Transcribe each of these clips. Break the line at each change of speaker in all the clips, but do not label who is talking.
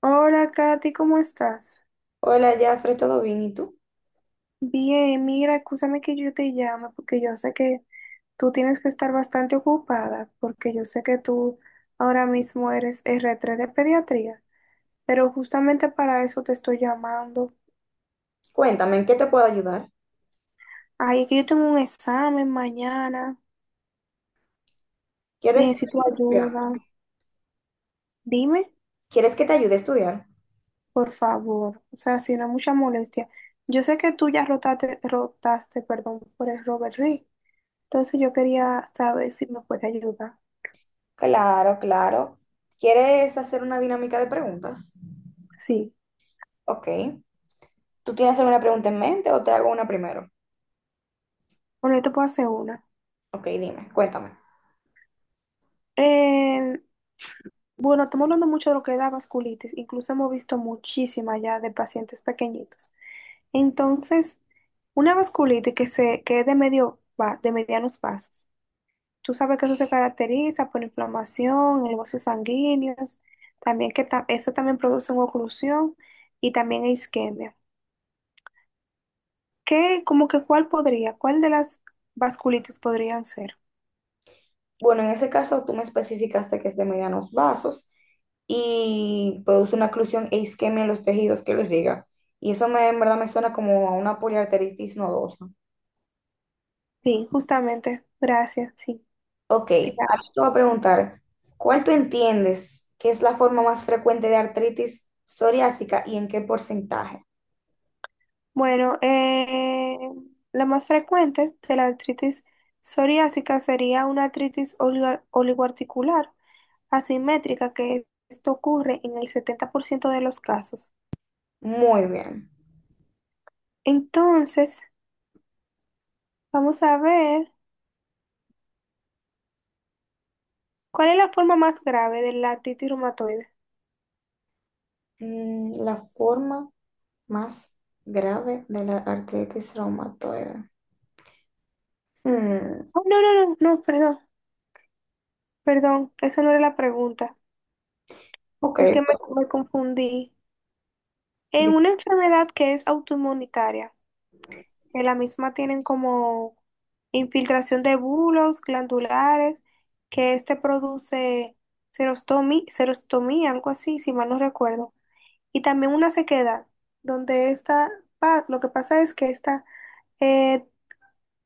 Hola, Katy, ¿cómo estás?
Hola, Jafre, ¿todo bien? ¿Y tú?
Bien, mira, escúchame que yo te llame porque yo sé que tú tienes que estar bastante ocupada porque yo sé que tú ahora mismo eres R3 de pediatría, pero justamente para eso te estoy llamando.
Cuéntame, ¿en qué te puedo ayudar?
Ay, es que yo tengo un examen mañana,
¿Quieres
necesito
estudiar?
ayuda. Dime,
¿Quieres que te ayude a estudiar?
por favor, o sea, si no es mucha molestia. Yo sé que tú ya rotaste, perdón, por el Robert Reed, entonces yo quería saber si me puede ayudar.
Claro, claro. ¿Quieres hacer una dinámica de preguntas?
Sí.
Ok. ¿Tú tienes alguna pregunta en mente o te hago una primero?
Bueno, yo te puedo hacer una.
Ok, dime, cuéntame.
Eh, bueno, estamos hablando mucho de lo que es la vasculitis. Incluso hemos visto muchísima ya de pacientes pequeñitos. Entonces, una vasculitis que, se, que es de, medio, de medianos vasos. Tú sabes que eso se caracteriza por inflamación en los vasos sanguíneos, también que eso también produce una oclusión y también isquemia. ¿Qué, como que cuál podría, cuál de las vasculitis podrían ser?
Bueno, en ese caso tú me especificaste que es de medianos vasos y produce una oclusión e isquemia en los tejidos que los liga. Y eso me, en verdad me suena como a una poliarteritis nodosa.
Sí, justamente, gracias, sí.
Ok,
Sí,
ahora te voy a preguntar, ¿cuál tú entiendes que es la forma más frecuente de artritis psoriásica y en qué porcentaje?
bueno, la más frecuente de la artritis psoriásica sería una artritis oligoarticular asimétrica, que esto ocurre en el 70% de los casos.
Muy bien.
Entonces, vamos a ver cuál es la forma más grave de la artritis reumatoide.
La forma más grave de la artritis reumatoide. Mm,
Oh, no, no, no, no, perdón, perdón, esa no era la pregunta.
ok,
Es que me,
pues,
me confundí. En
di-
una enfermedad que es autoinmunitaria, en la misma tienen como infiltración de bulos glandulares, que este produce serostomía, algo así, si mal no recuerdo. Y también una sequedad, donde esta, lo que pasa es que esta eh,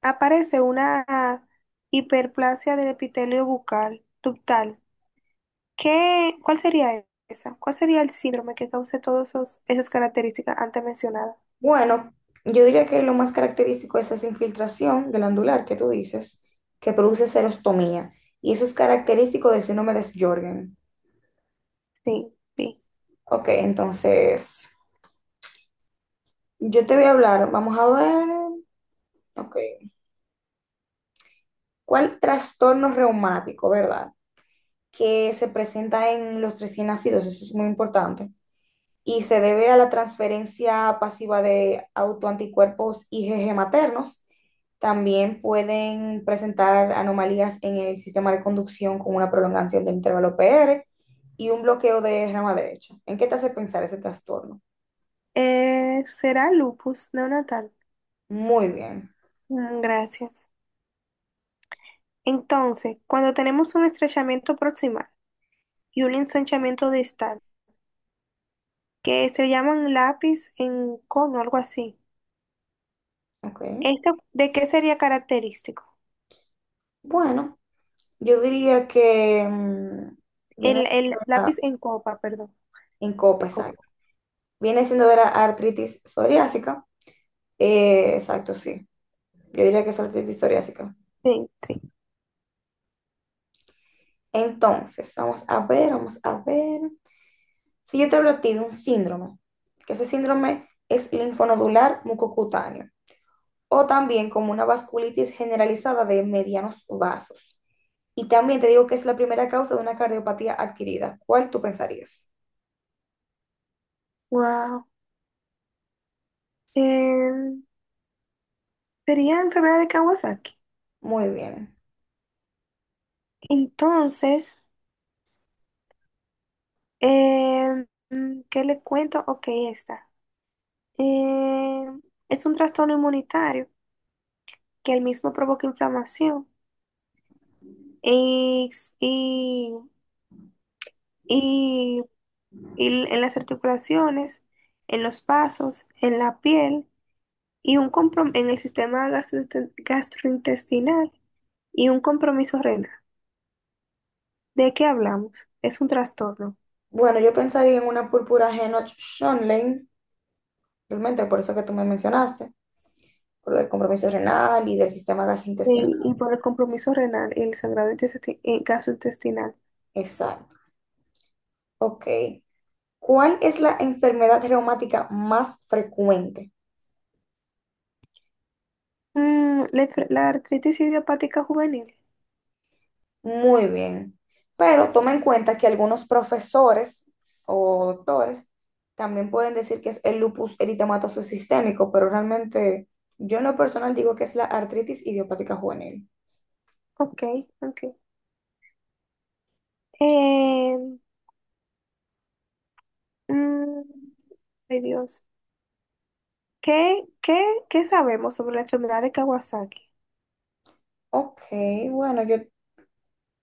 aparece una hiperplasia del epitelio bucal, ductal. ¿Qué, cuál sería esa? ¿Cuál sería el síndrome que cause todas esas características antes mencionadas?
bueno, yo diría que lo más característico es esa infiltración glandular que tú dices, que produce serostomía, y eso es característico del síndrome de Sjögren.
Sí, sí.
Ok, entonces... Yo te voy a hablar, vamos a ver. Ok. ¿Cuál trastorno reumático, verdad? Que se presenta en los recién nacidos, eso es muy importante. Y se debe a la transferencia pasiva de autoanticuerpos IgG maternos. También pueden presentar anomalías en el sistema de conducción con una prolongación del intervalo PR y un bloqueo de rama derecha. ¿En qué te hace pensar ese trastorno?
Será lupus neonatal.
Muy bien.
Mm, gracias. Entonces, cuando tenemos un estrechamiento proximal y un ensanchamiento distal, que se llaman lápiz en cono, algo así,
Ok.
¿esto de qué sería característico?
Bueno, yo diría que viene
El lápiz en copa, perdón.
en COPESAC.
Copa.
Viene siendo de la artritis psoriásica. Exacto, sí. Yo diría que es artritis psoriásica.
Sí, sí.
Entonces, vamos a ver, vamos a ver. Si yo te hablo a ti de un síndrome, que ese síndrome es linfonodular mucocutáneo, o también como una vasculitis generalizada de medianos vasos. Y también te digo que es la primera causa de una cardiopatía adquirida. ¿Cuál tú pensarías?
Wow. Em, sería enfermedad de Kawasaki.
Muy bien.
Entonces, em, ¿qué le cuento? Ok, está. Em, es un trastorno inmunitario que el mismo provoca inflamación y, y, y- y en las articulaciones, en los vasos, en la piel y un en el sistema gastrointestinal y un compromiso renal. ¿De qué hablamos? Es un trastorno.
Bueno, yo pensaría en una púrpura Henoch-Schönlein, realmente por eso que tú me mencionaste, por el compromiso renal y del sistema gastrointestinal.
Y por el compromiso renal y el sangrado gastrointestinal.
Exacto. Ok. ¿Cuál es la enfermedad reumática más frecuente?
Mm, la, la artritis idiopática juvenil.
Muy bien. Pero toma en cuenta que algunos profesores o doctores también pueden decir que es el lupus eritematoso sistémico, pero realmente yo en lo personal digo que es la artritis idiopática juvenil.
Ok, ok. Eh, mm, ay Dios. ¿Qué, qué, ¿qué sabemos sobre la enfermedad de Kawasaki?
Ok, bueno, yo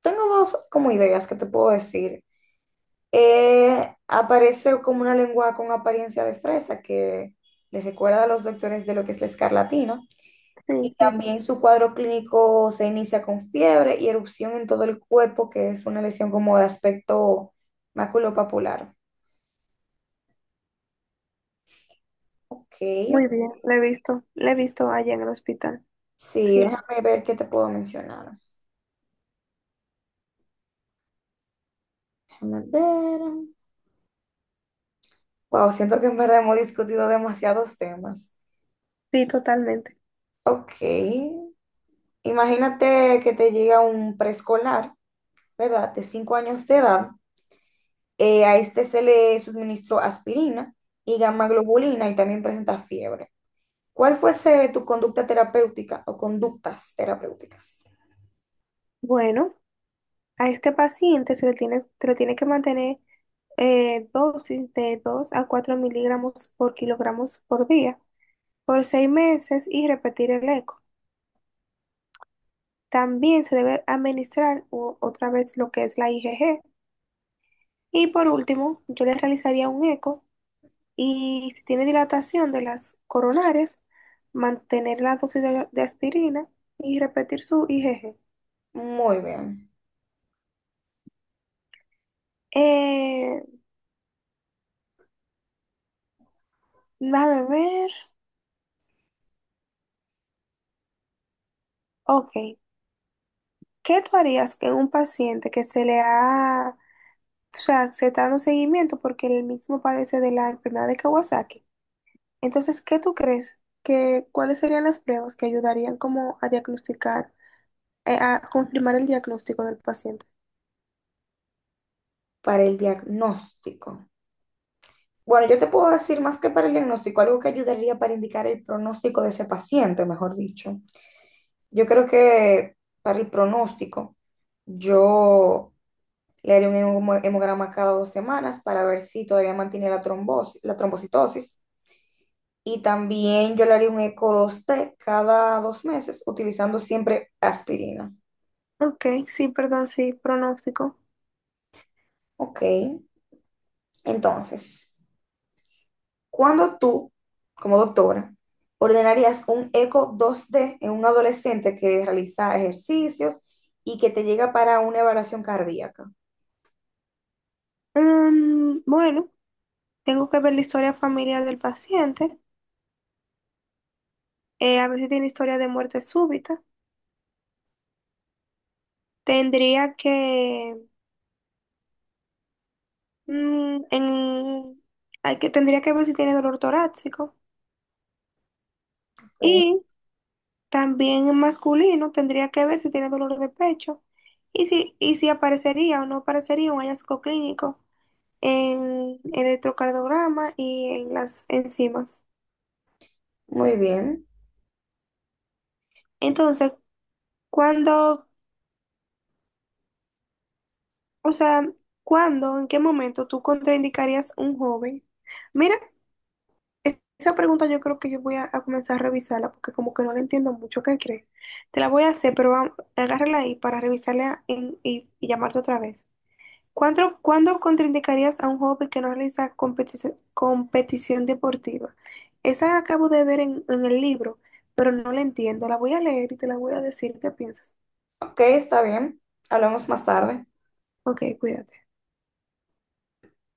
tengo dos como ideas que te puedo decir. Aparece como una lengua con apariencia de fresa que les recuerda a los doctores de lo que es la escarlatina. Y
Sí, sí,
también su cuadro clínico se inicia con fiebre y erupción en todo el cuerpo, que es una lesión como de aspecto maculopapular. Ok,
muy bien, la he visto allá en el hospital.
sí,
Sí,
déjame ver qué te puedo mencionar. Déjame ver. Wow, siento que en verdad hemos discutido demasiados temas.
sí, totalmente.
Ok. Imagínate que te llega un preescolar, ¿verdad? De 5 años de edad. A este se le suministró aspirina y gamma globulina y también presenta fiebre. ¿Cuál fuese tu conducta terapéutica o conductas terapéuticas?
Bueno, a este paciente se le tiene que mantener dosis de 2 a 4 mg por kg por día por 6 meses y repetir el eco. También se debe administrar otra vez lo que es la IgG. Y por último, yo le realizaría un eco y si tiene dilatación de las coronarias, mantener la dosis de aspirina y repetir su IgG.
Muy bien,
Eh, déjame ver. Ok. ¿Qué tú harías que un paciente que se le ha, o sea, se está dando seguimiento porque él mismo padece de la enfermedad de Kawasaki? Entonces, ¿qué tú crees que, cuáles serían las pruebas que ayudarían como a diagnosticar, a confirmar el diagnóstico del paciente?
para el diagnóstico. Bueno, yo te puedo decir más que para el diagnóstico, algo que ayudaría para indicar el pronóstico de ese paciente, mejor dicho. Yo creo que para el pronóstico, yo le haré un hemograma cada 2 semanas para ver si todavía mantiene la trombosis, la trombocitosis. Y también yo le haré un eco 2T cada 2 meses utilizando siempre aspirina.
Ok, sí, perdón, sí, pronóstico.
Ok, entonces, ¿cuándo tú, como doctora, ordenarías un eco 2D en un adolescente que realiza ejercicios y que te llega para una evaluación cardíaca?
Mm, bueno. Tengo que ver la historia familiar del paciente, a ver si tiene historia de muerte súbita. Tendría que, mm, en- hay que, tendría que ver si tiene dolor torácico.
Ok,
Y también en masculino tendría que ver si tiene dolor de pecho y si aparecería o no aparecería un hallazgo clínico en, el electrocardiograma y en las enzimas.
muy bien.
Entonces, cuando, o sea, ¿cuándo, en qué momento tú contraindicarías un joven? Mira, esa pregunta yo creo que yo voy a comenzar a revisarla porque como que no la entiendo mucho. ¿Qué crees? Te la voy a hacer, pero vamos, agárrala ahí para revisarla y llamarte otra vez. ¿Cuándo, cuándo contraindicarías a un joven que no realiza competición deportiva? Esa la acabo de ver en el libro, pero no la entiendo. La voy a leer y te la voy a decir qué piensas.
Ok, está bien. Hablamos más tarde.
Ok, cuídate.